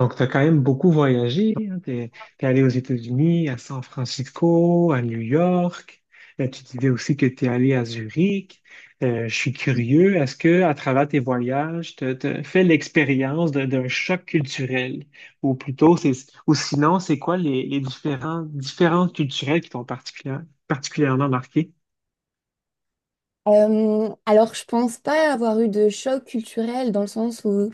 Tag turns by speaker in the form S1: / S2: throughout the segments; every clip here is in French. S1: Donc, tu as quand même beaucoup voyagé. Hein? Tu es allé aux États-Unis, à San Francisco, à New York. Tu disais aussi que tu es allé à Zurich. Je suis curieux, est-ce que à travers tes voyages, tu as fait l'expérience d'un choc culturel? Ou plutôt, c'est, ou sinon, c'est quoi les différences culturelles qui t'ont particulièrement marqué?
S2: Je pense pas avoir eu de choc culturel dans le sens où,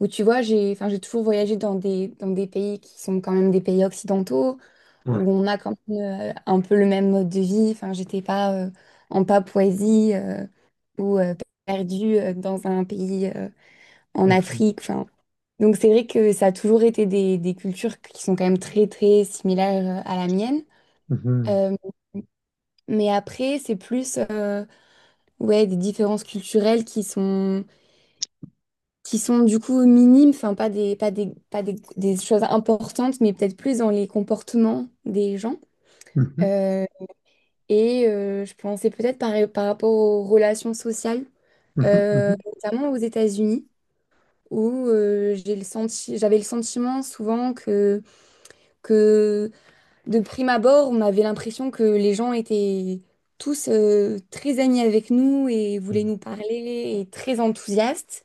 S2: où tu vois, enfin, j'ai toujours voyagé dans dans des pays qui sont quand même des pays occidentaux,
S1: Ouais.
S2: où on a quand même un peu le même mode de vie. Enfin, j'étais pas en Papouasie ou perdue dans un pays en Afrique. Enfin, donc, c'est vrai que ça a toujours été des cultures qui sont quand même très, très similaires à la mienne.
S1: Mhm.
S2: Euh, mais après, c'est plus ouais, des différences culturelles qui sont du coup minimes, enfin pas des, pas des, pas des, des choses importantes, mais peut-être plus dans les comportements des gens.
S1: Mhm.
S2: Euh, je pensais peut-être par rapport aux relations sociales,
S1: Mhm.
S2: notamment aux États-Unis, où j'avais le sentiment souvent que de prime abord, on avait l'impression que les gens étaient tous très amis avec nous et voulaient
S1: Mhm.
S2: nous parler et très enthousiastes.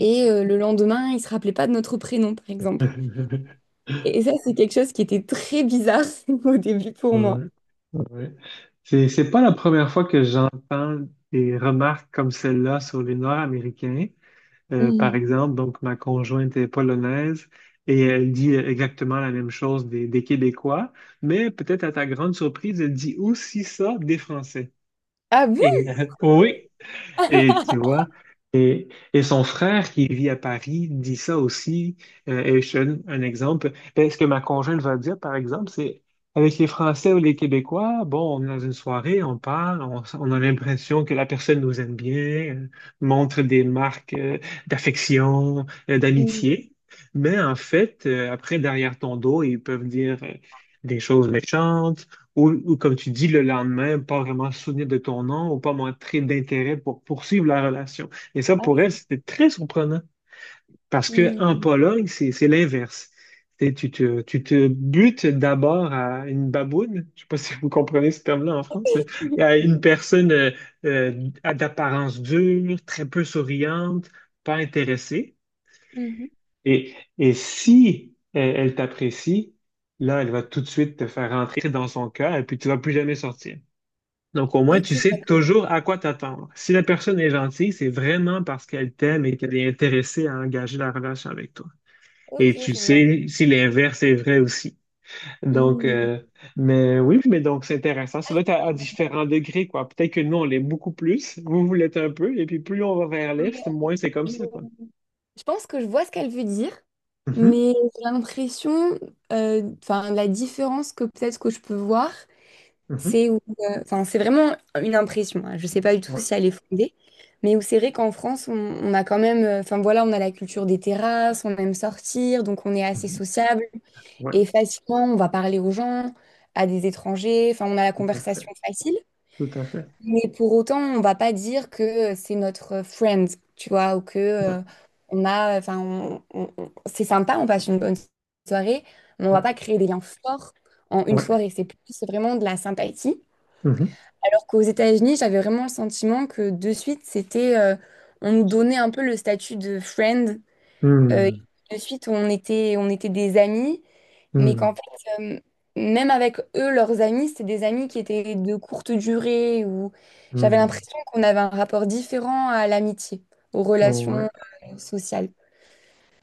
S2: Et le lendemain, ils ne se rappelaient pas de notre prénom, par exemple.
S1: Mhm.
S2: Et ça, c'est quelque chose qui était très bizarre au début pour moi.
S1: Ouais, ouais. C'est pas la première fois que j'entends des remarques comme celle-là sur les Nord-Américains. Par
S2: Mhm.
S1: exemple, donc ma conjointe est polonaise et elle dit exactement la même chose des Québécois, mais peut-être à ta grande surprise, elle dit aussi ça des Français.
S2: Ah bon?
S1: Oui, et tu vois, et son frère qui vit à Paris dit ça aussi. Et je te donne un exemple. Ben, ce que ma conjointe va dire, par exemple, c'est avec les Français ou les Québécois, bon, on est dans une soirée, on parle, on a l'impression que la personne nous aime bien, euh, montre des marques d'affection,
S2: Mhm.
S1: d'amitié. Mais en fait, après, derrière ton dos, ils peuvent dire des choses méchantes ou comme tu dis, le lendemain, pas vraiment se souvenir de ton nom ou pas montrer d'intérêt pour poursuivre la relation. Et ça, pour elle,
S2: Ah,
S1: c'était très surprenant parce que en
S2: mhm.
S1: Pologne, c'est l'inverse. Tu te butes d'abord à une baboune, je sais pas si vous comprenez ce terme-là en France, mais à une personne d'apparence dure, très peu souriante, pas intéressée.
S2: Mhm.
S1: Et si elle t'apprécie, là, elle va tout de suite te faire rentrer dans son cœur et puis tu vas plus jamais sortir. Donc, au moins, tu
S2: Ok,
S1: sais
S2: d'accord.
S1: toujours à quoi t'attendre. Si la personne est gentille, c'est vraiment parce qu'elle t'aime et qu'elle est intéressée à engager la relation avec toi. Et
S2: Ok,
S1: tu
S2: je vois.
S1: sais si l'inverse est vrai aussi. Donc,
S2: Mhm.
S1: euh, mais oui, mais donc c'est intéressant. Ça doit être à différents degrés, quoi. Peut-être que nous, on l'est beaucoup plus, vous, vous l'êtes un peu, et puis plus on va vers
S2: Mais,
S1: l'est, moins c'est comme
S2: euh,
S1: ça, quoi.
S2: Je pense que je vois ce qu'elle veut dire,
S1: Mhm,
S2: mais j'ai l'impression, enfin, la différence que peut-être que je peux voir,
S1: mhm,
S2: c'est où, enfin, c'est vraiment une impression, hein. Je ne sais pas du tout
S1: ouais,
S2: si elle est fondée, mais où c'est vrai qu'en France, on a quand même, enfin voilà, on a la culture des terrasses, on aime sortir, donc on est assez
S1: mhm,
S2: sociable.
S1: ouais,
S2: Et facilement, on va parler aux gens, à des étrangers, enfin, on a la
S1: tout à fait,
S2: conversation facile.
S1: tout à fait.
S2: Mais pour autant, on va pas dire que c'est notre friend, tu vois, ou que
S1: Ouais,
S2: on a, c'est sympa, on passe une bonne soirée, mais on va
S1: ouais,
S2: pas créer des liens forts en une
S1: ouais.
S2: soirée. C'est plus vraiment de la sympathie.
S1: Mhm,
S2: Alors qu'aux États-Unis, j'avais vraiment le sentiment que de suite, on nous donnait un peu le statut de friend. euh,
S1: hmm,
S2: de suite, on était des amis mais qu'en
S1: hmm,
S2: fait, euh, même avec eux, leurs amis, c'était des amis qui étaient de courte durée, ou j'avais
S1: hmm,
S2: l'impression qu'on avait un rapport différent à l'amitié, aux relations
S1: ouais.
S2: sociales.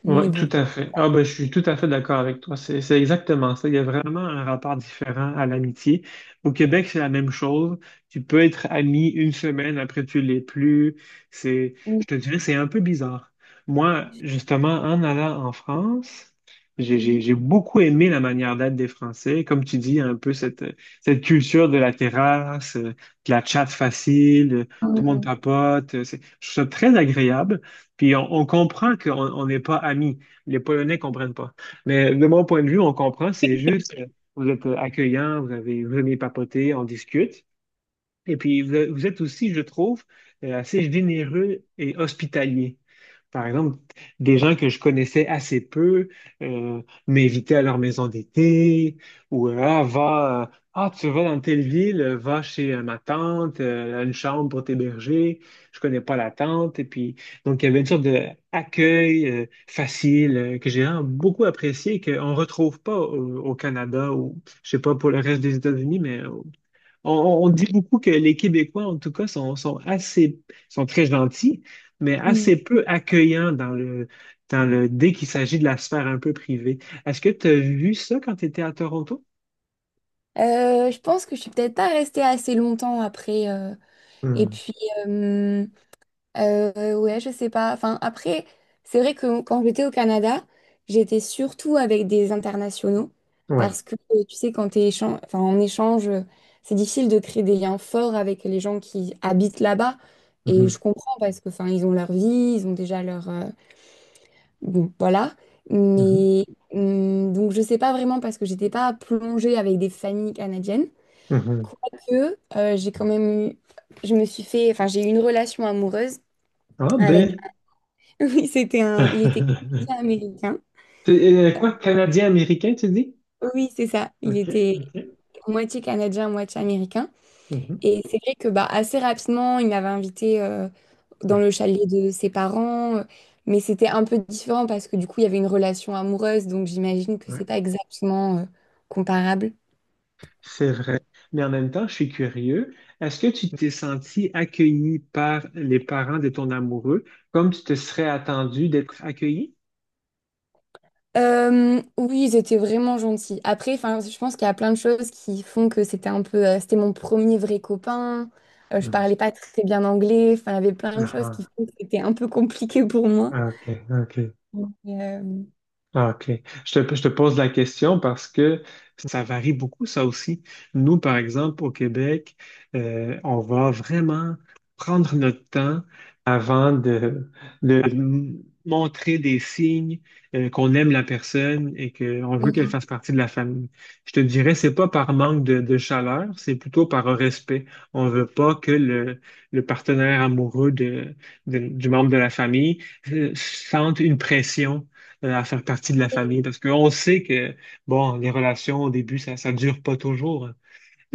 S2: Mais
S1: Oui, tout
S2: bon.
S1: à fait. Ah ben, je suis tout à fait d'accord avec toi. C'est exactement ça. Il y a vraiment un rapport différent à l'amitié. Au Québec, c'est la même chose. Tu peux être ami une semaine, après tu l'es plus. C'est,
S2: Mhm,
S1: je te dirais, c'est un peu bizarre. Moi, justement, en allant en France, j'ai, j'ai,
S2: mhm,
S1: j'ai beaucoup aimé la manière d'être des Français. Comme tu dis, un peu cette culture de la terrasse, de la chatte facile, tout le monde
S2: mhm,
S1: papote. Je trouve ça très agréable. Puis on comprend qu'on on n'est pas amis. Les Polonais comprennent pas. Mais de mon point de vue, on comprend. C'est juste, vous êtes accueillant, vous venez papoter, on discute. Et puis vous, vous êtes aussi, je trouve, assez généreux et hospitalier. Par exemple, des gens que je connaissais assez peu m'invitaient à leur maison d'été ou ah, va, ah, tu vas dans telle ville, va chez ma tante, elle a une chambre pour t'héberger, je connais pas la tante. Et puis, donc, il y avait une sorte d'accueil facile que j'ai vraiment beaucoup apprécié et qu'on ne retrouve pas au Canada ou, je sais pas, pour le reste des États-Unis, mais on dit beaucoup que les Québécois, en tout cas, sont très gentils, mais
S2: mhm.
S1: assez peu accueillants dès qu'il s'agit de la sphère un peu privée. Est-ce que tu as vu ça quand tu étais à Toronto?
S2: Je pense que je suis peut-être pas restée assez longtemps après. Et
S1: Hmm,
S2: puis, euh, ouais, je sais pas. Enfin, après, c'est vrai que quand j'étais au Canada, j'étais surtout avec des internationaux
S1: ouais.
S2: parce que tu sais, quand enfin, en échange, c'est difficile de créer des liens forts avec les gens qui habitent là-bas. Et
S1: Mhm,
S2: je comprends parce que, enfin, ils ont leur vie, ils ont déjà leur, bon, voilà.
S1: mhm,
S2: Mais donc, je sais pas vraiment parce que j'étais pas plongée avec des familles canadiennes.
S1: mhm.
S2: Quoique, j'ai quand même eu, je me suis fait, enfin, j'ai eu une relation amoureuse
S1: Ah
S2: avec,
S1: ben.
S2: oui, c'était un... Il était canadien-américain.
S1: T'es, quoi, Canadien-Américain, tu dis?
S2: Oui, c'est ça. Il
S1: OK,
S2: était
S1: OK.
S2: moitié canadien, moitié américain.
S1: Mhm,
S2: Et c'est vrai que bah, assez rapidement, il m'avait invité dans le
S1: ouais,
S2: chalet de ses parents. Mais c'était un peu différent parce que du coup, il y avait une relation amoureuse. Donc j'imagine que
S1: ouais.
S2: c'est pas exactement comparable.
S1: C'est vrai. Mais en même temps, je suis curieux. Est-ce que tu t'es senti accueilli par les parents de ton amoureux comme tu te serais attendu d'être accueilli?
S2: Oui, ils étaient vraiment gentils. Après, enfin, je pense qu'il y a plein de choses qui font que c'était un peu, c'était mon premier vrai copain. Je
S1: Hmm.
S2: parlais pas très bien anglais. Enfin, il y avait plein de choses qui
S1: Ah,
S2: font que c'était un peu compliqué pour moi.
S1: ah, OK, OK.
S2: Mais, euh,
S1: Ah, OK. Je te pose la question parce que ça varie beaucoup, ça aussi. Nous, par exemple, au Québec, on va vraiment prendre notre temps avant de montrer des signes qu'on aime la personne et qu'on veut qu'elle fasse partie de la famille. Je te dirais, c'est pas par manque de chaleur, c'est plutôt par un respect. On veut pas que le partenaire amoureux du membre de la famille sente une pression à faire partie de la famille. Parce qu'on sait que, bon, les relations au début, ça ne dure pas toujours.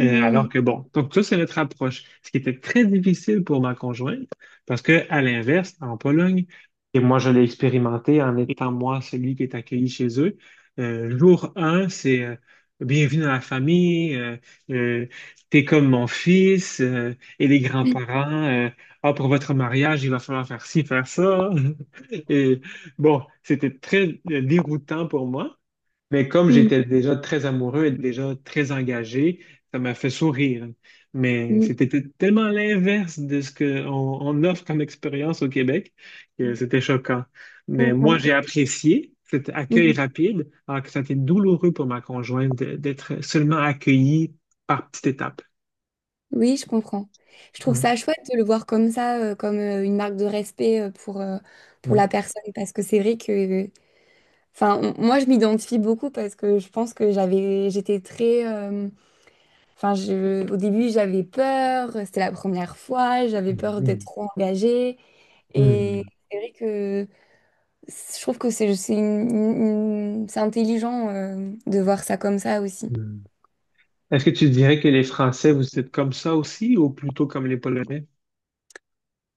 S1: Euh, alors que bon, donc ça, c'est notre approche. Ce qui était très difficile pour ma conjointe, parce que à l'inverse, en Pologne, et moi, je l'ai expérimenté en étant moi celui qui est accueilli chez eux, jour un c'est bienvenue dans la famille, euh, t'es comme mon fils, et les grands-parents, ah, pour votre mariage, il va falloir faire ci, faire ça. Et bon, c'était très déroutant pour moi. Mais comme
S2: Mm.
S1: j'étais déjà très amoureux et déjà très engagé, ça m'a fait sourire. Mais
S2: Mm.
S1: c'était tellement l'inverse de ce qu'on on offre comme expérience au Québec que
S2: Mm.
S1: c'était choquant.
S2: Je
S1: Mais moi,
S2: comprends.
S1: j'ai apprécié cet accueil
S2: Mm.
S1: rapide, alors que ça a été douloureux pour ma conjointe d'être seulement accueillie par petite étape.
S2: Oui, je comprends. Je trouve
S1: Ouais.
S2: ça chouette de le voir comme ça, comme une marque de respect pour la
S1: Mm.
S2: personne, parce que c'est vrai que enfin, moi, je m'identifie beaucoup parce que je pense que j'étais très, enfin, je, au début, j'avais peur. C'était la première fois. J'avais peur d'être
S1: Mhm.
S2: trop engagée. Et
S1: Mm.
S2: c'est vrai que je trouve que c'est c'est intelligent, de voir ça comme ça aussi.
S1: Mm. Est-ce que tu dirais que les Français, vous êtes comme ça aussi, ou plutôt comme les Polonais?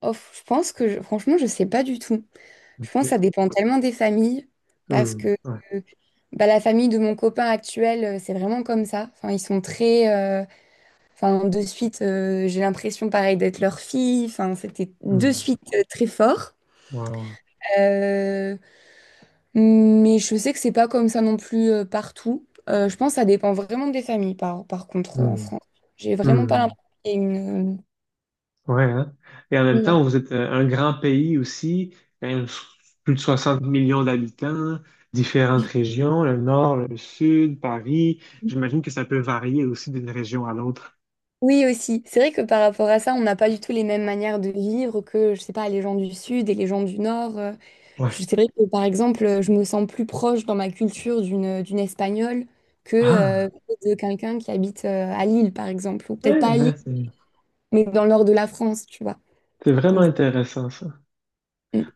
S2: Oh, je pense que, franchement, je sais pas du tout. Je pense que ça
S1: OK.
S2: dépend tellement des familles parce que,
S1: Mm. Ouais.
S2: euh, bah, la famille de mon copain actuel, c'est vraiment comme ça. Enfin, ils sont très, enfin, de suite, j'ai l'impression pareil d'être leur fille. Enfin, c'était de
S1: Mm.
S2: suite très fort.
S1: Wow.
S2: Euh, mais je sais que c'est pas comme ça non plus partout. Je pense que ça dépend vraiment des familles, par contre, en
S1: Hmm,
S2: France. J'ai vraiment pas
S1: hmm,
S2: l'impression qu'il y ait une...
S1: ouais, hein. Et en même
S2: Ouais.
S1: temps, vous êtes un grand pays aussi, quand même, plus de 60 millions d'habitants, différentes régions, le nord, le sud, Paris. J'imagine que ça peut varier aussi d'une région à l'autre.
S2: Oui, aussi. C'est vrai que par rapport à ça, on n'a pas du tout les mêmes manières de vivre que, je sais pas, les gens du Sud et les gens du Nord.
S1: Ouais.
S2: C'est vrai que, par exemple, je me sens plus proche dans ma culture d'une Espagnole que
S1: Ah,
S2: de quelqu'un qui habite à Lille, par exemple. Ou peut-être
S1: ouais,
S2: pas à Lille,
S1: ben c'est
S2: mais dans le nord de la France, tu vois.
S1: c'est vraiment
S2: Donc,
S1: intéressant ça.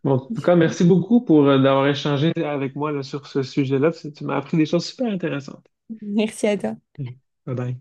S1: Bon, en tout cas, merci beaucoup pour d'avoir échangé avec moi là, sur ce sujet-là. Parce Tu m'as appris des choses super intéressantes.
S2: merci à toi.
S1: Bye bye.